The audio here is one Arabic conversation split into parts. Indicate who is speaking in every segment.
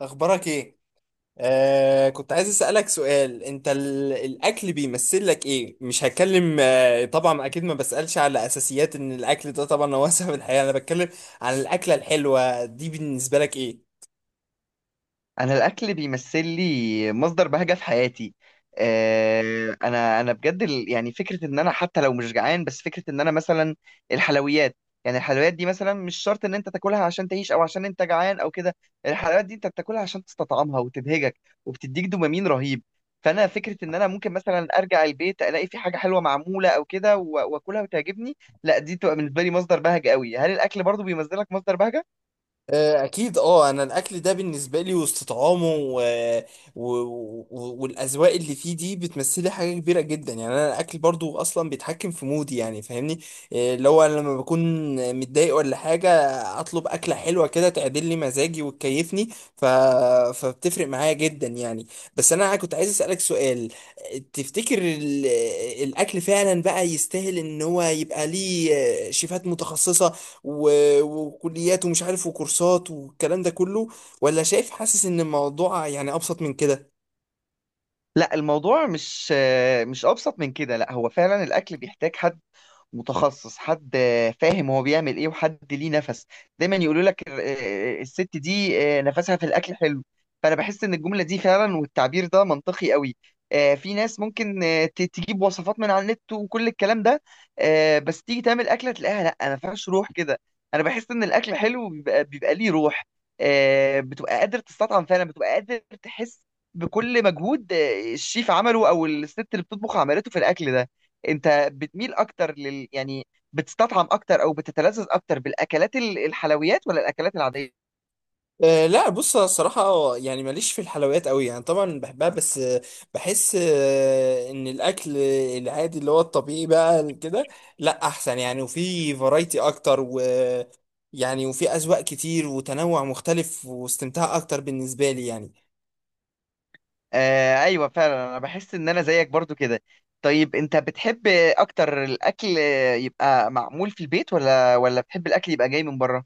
Speaker 1: اخبارك ايه؟ كنت عايز اسالك سؤال. انت الاكل بيمثل لك ايه؟ مش هتكلم، طبعا، اكيد ما بسالش على اساسيات ان الاكل ده طبعا هو اساسي في الحياه. انا بتكلم عن الاكله الحلوه دي، بالنسبه لك ايه؟
Speaker 2: انا الاكل بيمثل لي مصدر بهجه في حياتي. انا بجد فكره ان انا حتى لو مش جعان، بس فكره ان انا مثلا الحلويات. يعني الحلويات دي مثلا مش شرط ان انت تاكلها عشان تعيش او عشان انت جعان او كده. الحلويات دي انت بتاكلها عشان تستطعمها وتبهجك وبتديك دوبامين رهيب. فانا فكره ان انا ممكن مثلا ارجع البيت الاقي في حاجه حلوه معموله او كده واكلها وتعجبني. لا، دي تبقى بالنسبه لي مصدر بهجه قوي. هل الاكل برضو بيمثلك مصدر بهجه؟
Speaker 1: اكيد. اه انا الاكل ده بالنسبه لي وسط طعامه و... و... والاذواق اللي فيه دي بتمثلي حاجه كبيره جدا، يعني انا الاكل برضو اصلا بيتحكم في مودي، يعني فاهمني؟ اللي هو أنا لما بكون متضايق ولا حاجه، اطلب اكله حلوه كده تعدل لي مزاجي وتكيفني. ف... فبتفرق معايا جدا يعني. بس انا كنت عايز اسالك سؤال، تفتكر الاكل فعلا بقى يستاهل ان هو يبقى ليه شيفات متخصصه وكليات ومش عارف وكورسات والكلام ده كله؟ ولا شايف، حاسس ان الموضوع يعني ابسط من كده؟
Speaker 2: لا الموضوع مش ابسط من كده. لا هو فعلا الاكل بيحتاج حد متخصص، حد فاهم هو بيعمل ايه، وحد ليه نفس. دايما يقولوا لك الست دي نفسها في الاكل حلو. فانا بحس ان الجمله دي فعلا والتعبير ده منطقي قوي. في ناس ممكن تجيب وصفات من على النت وكل الكلام ده. بس تيجي تعمل اكله تلاقيها لا ما فيهاش روح كده. انا بحس ان الاكل حلو بيبقى ليه روح. بتبقى قادر تستطعم فعلا، بتبقى قادر تحس بكل مجهود الشيف عمله او الست اللي بتطبخ عملته في الاكل ده. انت بتميل اكتر لل بتستطعم اكتر او بتتلذذ اكتر بالاكلات الحلويات ولا الاكلات العاديه؟
Speaker 1: لا، بص أنا الصراحة يعني ماليش في الحلويات قوي، يعني طبعا بحبها، بس بحس ان الاكل العادي اللي هو الطبيعي بقى كده لا احسن، يعني وفي فرايتي اكتر يعني، وفي اذواق كتير وتنوع مختلف واستمتاع اكتر بالنسبة لي يعني.
Speaker 2: آه ايوه فعلا، انا بحس ان انا زيك برضو كده. طيب انت بتحب اكتر الاكل يبقى معمول في البيت، ولا بتحب الاكل يبقى جاي من بره؟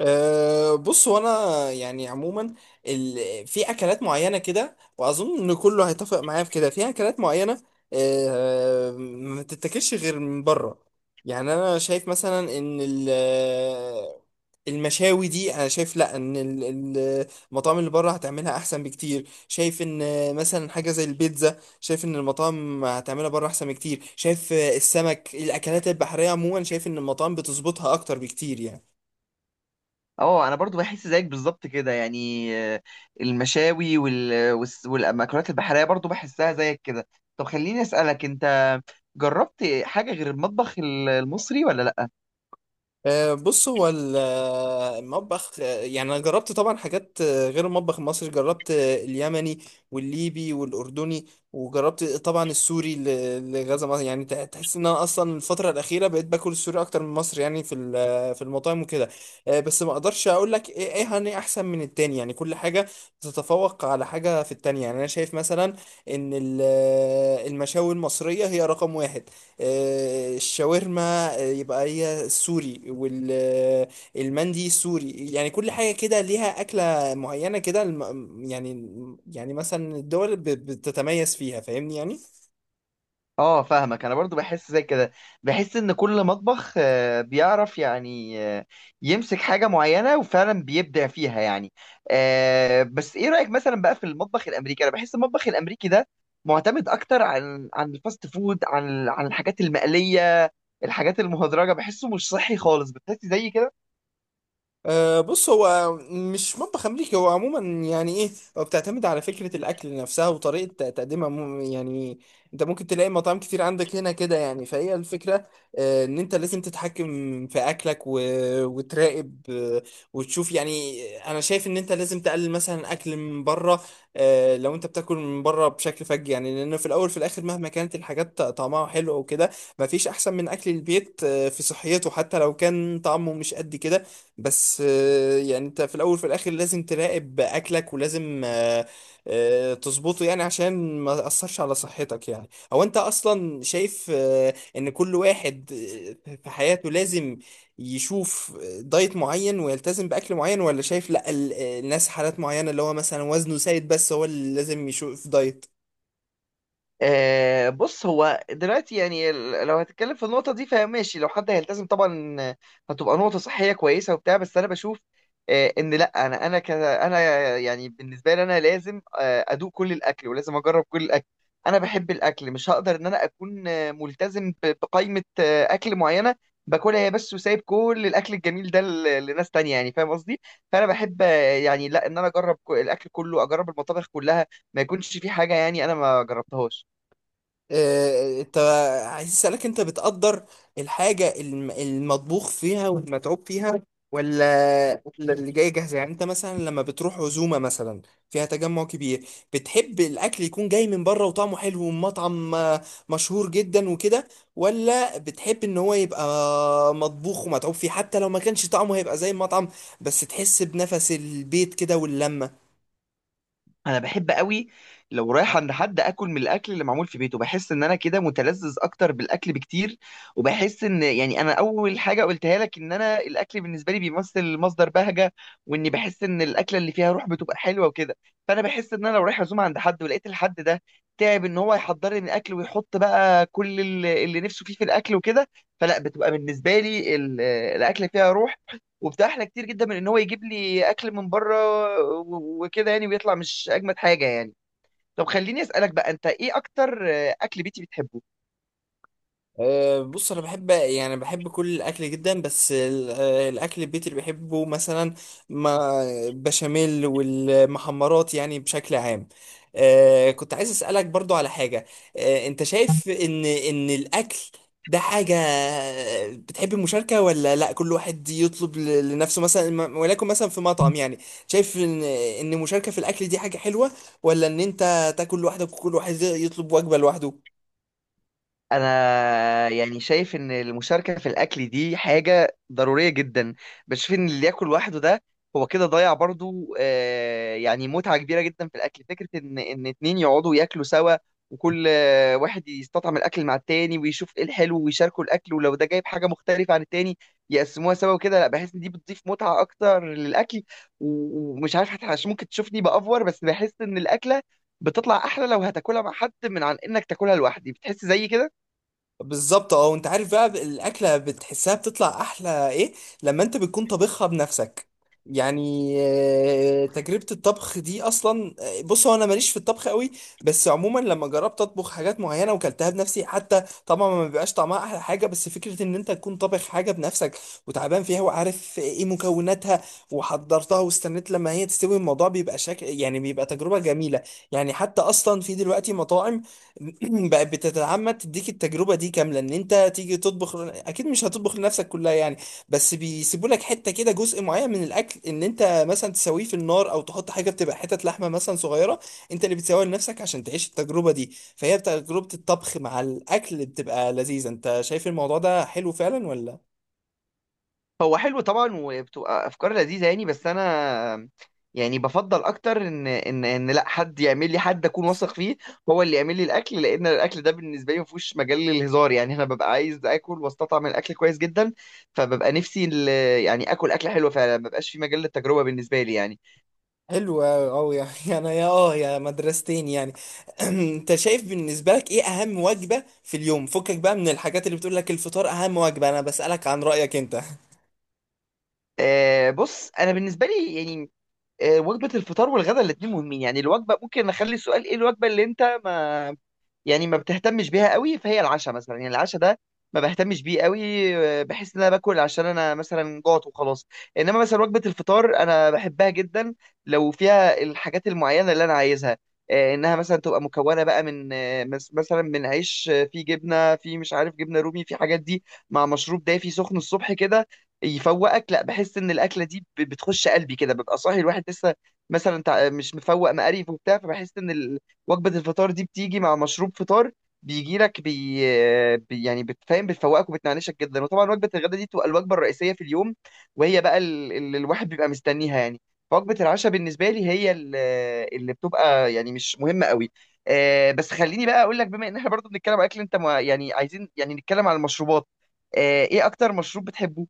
Speaker 1: بص، هو انا يعني عموما في اكلات معينه كده، واظن ان كله هيتفق معايا في كده. في اكلات معينه ما تتاكلش غير من بره، يعني انا شايف مثلا ان المشاوي دي، انا شايف لا، ان المطاعم اللي بره هتعملها احسن بكتير. شايف ان مثلا حاجه زي البيتزا، شايف ان المطاعم هتعملها بره احسن بكتير. شايف السمك، الاكلات البحريه عموما، شايف ان المطاعم بتظبطها اكتر بكتير يعني.
Speaker 2: اه، انا برضو بحس زيك بالظبط كده. يعني المشاوي والمأكولات البحريه برضو بحسها زيك كده. طب خليني اسالك، انت جربت حاجه غير المطبخ المصري ولا لا؟
Speaker 1: بص، هو المطبخ يعني انا جربت طبعا حاجات غير المطبخ المصري. جربت اليمني والليبي والاردني، وجربت طبعا السوري. لغزه مصر، يعني تحس ان انا اصلا الفتره الاخيره بقيت باكل السوري اكتر من مصر، يعني في المطاعم وكده. بس ما اقدرش اقول لك ايه هني احسن من التاني، يعني كل حاجه تتفوق على حاجه في التانيه. يعني انا شايف مثلا ان المشاوي المصريه هي رقم واحد. الشاورما يبقى هي سوري، والمندي سوري. يعني كل حاجة كده ليها أكلة معينة كده، يعني، يعني مثلا الدول بتتميز فيها، فاهمني يعني.
Speaker 2: اه فاهمك، انا برضو بحس زي كده. بحس ان كل مطبخ بيعرف يمسك حاجة معينة وفعلا بيبدع فيها يعني. بس ايه رأيك مثلا بقى في المطبخ الامريكي؟ انا بحس المطبخ الامريكي ده معتمد اكتر عن الفاست فود، عن الحاجات المقلية، الحاجات المهدرجة. بحسه مش صحي خالص. بتحسي زي كده؟
Speaker 1: بص، هو مش مطبخ أمريكي، هو عموما يعني إيه، هو بتعتمد على فكرة الأكل نفسها وطريقة تقديمها يعني أنت ممكن تلاقي مطاعم كتير عندك هنا كده، يعني فهي الفكرة إن أنت لازم تتحكم في أكلك وتراقب وتشوف يعني. أنا شايف إن أنت لازم تقلل مثلا أكل من بره، لو أنت بتاكل من بره بشكل فج، يعني لأن في الأول في الآخر مهما كانت الحاجات طعمها حلو أو كده، مفيش أحسن من أكل البيت، في صحيته حتى لو كان طعمه مش قد كده. بس يعني انت في الاول وفي الاخر لازم تراقب اكلك ولازم تظبطه، يعني عشان ما تاثرش على صحتك. يعني هو انت اصلا شايف ان كل واحد في حياته لازم يشوف دايت معين ويلتزم باكل معين، ولا شايف لا الناس حالات معينة، اللي هو مثلا وزنه زايد، بس هو اللي لازم يشوف دايت؟
Speaker 2: بص هو دلوقتي يعني لو هتتكلم في النقطة دي فماشي، لو حد هيلتزم طبعا هتبقى نقطة صحية كويسة وبتاع. بس أنا بشوف إن لأ، أنا يعني بالنسبة لي أنا لازم أدوق كل الأكل ولازم أجرب كل الأكل. أنا بحب الأكل، مش هقدر إن أنا أكون ملتزم بقائمة أكل معينة باكلها هي بس، وسايب كل الأكل الجميل ده لناس تانية. يعني فاهم قصدي؟ فأنا بحب لأ إن أنا أجرب الأكل كله، أجرب المطابخ كلها، ما يكونش في حاجة يعني أنا ما جربتهاش.
Speaker 1: انت عايز اسالك، انت بتقدر الحاجه المطبوخ فيها والمتعوب فيها ولا اللي جاي جاهزه؟ يعني انت مثلا لما بتروح عزومه مثلا فيها تجمع كبير، بتحب الاكل يكون جاي من بره وطعمه حلو ومطعم مشهور جدا وكده، ولا بتحب ان هو يبقى مطبوخ ومتعوب فيه حتى لو ما كانش طعمه هيبقى زي المطعم، بس تحس بنفس البيت كده واللمه؟
Speaker 2: انا بحب قوي لو رايح عند حد اكل من الاكل اللي معمول في بيته. بحس ان انا كده متلذذ اكتر بالاكل بكتير، وبحس ان يعني انا اول حاجه قلتها لك ان انا الاكل بالنسبه لي بيمثل مصدر بهجه، واني بحس ان الاكله اللي فيها روح بتبقى حلوه وكده. فانا بحس ان انا لو رايح عزومه عند حد، ولقيت الحد ده تعب ان هو يحضر لي الاكل ويحط بقى كل اللي نفسه فيه في الاكل وكده، فلا بتبقى بالنسبه لي الاكل فيها روح، وبتحلى كتير جدا من ان هو يجيب لي اكل من بره وكده يعني، ويطلع مش اجمد حاجه يعني. طب خليني اسالك بقى، انت ايه اكتر اكل بيتي بتحبه؟
Speaker 1: بص، انا بحب، يعني بحب كل الاكل جدا. بس ال- أه، الاكل البيت اللي بحبه مثلا ما بشاميل والمحمرات، يعني بشكل عام. كنت عايز اسالك برضو على حاجه. انت شايف ان الاكل ده حاجه، بتحب المشاركه؟ ولا لا كل واحد يطلب لنفسه مثلا ولكن مثلا في مطعم يعني، شايف ان المشاركه في الاكل دي حاجه حلوه، ولا ان انت تاكل لوحدك وكل واحد يطلب وجبه لوحده؟
Speaker 2: انا يعني شايف ان المشاركه في الاكل دي حاجه ضروريه جدا. بشوف ان اللي ياكل لوحده ده هو كده ضيع برضو يعني متعه كبيره جدا في الاكل. فكره ان اتنين يقعدوا ياكلوا سوا، وكل واحد يستطعم الاكل مع التاني ويشوف ايه الحلو، ويشاركوا الاكل، ولو ده جايب حاجه مختلفه عن التاني يقسموها سوا وكده. لا بحس ان دي بتضيف متعه اكتر للاكل. ومش عارف، حتى عشان ممكن تشوفني بافور، بس بحس ان الاكله بتطلع احلى لو هتاكلها مع حد من عن انك تاكلها لوحدي. بتحس زي كده؟
Speaker 1: بالظبط، اه. وانت عارف بقى الاكله بتحسها بتطلع احلى ايه؟ لما انت بتكون طبخها بنفسك، يعني تجربه الطبخ دي اصلا. بص، هو انا ماليش في الطبخ قوي، بس عموما لما جربت اطبخ حاجات معينه وكلتها بنفسي، حتى طبعا ما بيبقاش طعمها احلى حاجه، بس فكره ان انت تكون طابخ حاجه بنفسك، وتعبان فيها وعارف ايه مكوناتها وحضرتها واستنيت لما هي تستوي، الموضوع بيبقى شكل، يعني بيبقى تجربه جميله. يعني حتى اصلا في دلوقتي مطاعم بقت بتتعمد تديك التجربه دي كامله، ان انت تيجي تطبخ. اكيد مش هتطبخ لنفسك كلها يعني، بس بيسيبوا لك حته كده، جزء معين من الاكل ان انت مثلا تسويه في النار، او تحط حاجه بتبقى حتت لحمه مثلا صغيره انت اللي بتسويها لنفسك عشان تعيش التجربه دي، فهي تجربه الطبخ مع الاكل بتبقى لذيذه. انت شايف الموضوع ده حلو فعلا ولا؟
Speaker 2: هو حلو طبعا وبتبقى افكار لذيذه يعني، بس انا يعني بفضل اكتر ان لا، حد يعمل لي، حد اكون واثق فيه هو اللي يعمل لي الاكل، لان الاكل ده بالنسبه لي ما فيهوش مجال للهزار. يعني انا ببقى عايز اكل واستطعم الاكل كويس جدا، فببقى نفسي اكل اكل حلو فعلا، ما ببقاش في مجال للتجربه بالنسبه لي يعني.
Speaker 1: حلو أوي أوي يعني أنا يا يا مدرستين يعني. أنت شايف بالنسبة لك إيه أهم وجبة في اليوم؟ فكك بقى من الحاجات اللي بتقول لك الفطار أهم وجبة، أنا بسألك عن رأيك أنت.
Speaker 2: آه بص، انا بالنسبه لي يعني وجبه الفطار والغداء الاثنين مهمين. يعني الوجبه، ممكن اخلي السؤال ايه الوجبه اللي انت ما يعني ما بتهتمش بيها قوي، فهي العشاء مثلا. يعني العشاء ده ما بهتمش بيه قوي. بحس ان انا باكل عشان انا مثلا جوعت وخلاص. انما مثلا وجبة الفطار انا بحبها جدا لو فيها الحاجات المعينة اللي انا عايزها. انها مثلا تبقى مكونة بقى من مثلا من عيش، فيه جبنة، فيه مش عارف جبنة رومي، في حاجات دي، مع مشروب دافي سخن الصبح كده يفوقك. لا بحس ان الاكلة دي بتخش قلبي كده. ببقى صاحي الواحد لسه مثلا مش مفوق مقريف وبتاع، فبحس ان وجبة الفطار دي بتيجي مع مشروب فطار بيجي لك بي... بي يعني بتفهم، بتفوقك وبتنعنشك جدا. وطبعا وجبة الغداء دي تبقى الوجبة الرئيسية في اليوم، وهي بقى الواحد بيبقى مستنيها يعني. فوجبة العشاء بالنسبة لي هي اللي بتبقى يعني مش مهمة قوي. آه بس خليني بقى اقول لك، بما ان احنا برضو بنتكلم اكل، انت ما يعني عايزين يعني نتكلم على المشروبات. آه ايه اكتر مشروب بتحبه؟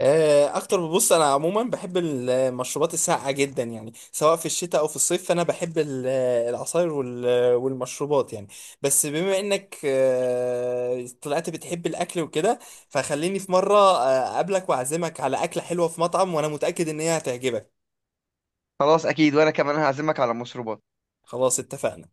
Speaker 1: أكتر، ببص أنا عموما بحب المشروبات الساقعة جدا، يعني سواء في الشتاء أو في الصيف. فأنا بحب العصاير والمشروبات يعني. بس بما إنك طلعت بتحب الأكل وكده، فخليني في مرة أقابلك وأعزمك على أكلة حلوة في مطعم، وأنا متأكد إن هي هتعجبك.
Speaker 2: خلاص اكيد، وانا كمان هعزمك على المشروبات.
Speaker 1: خلاص، اتفقنا.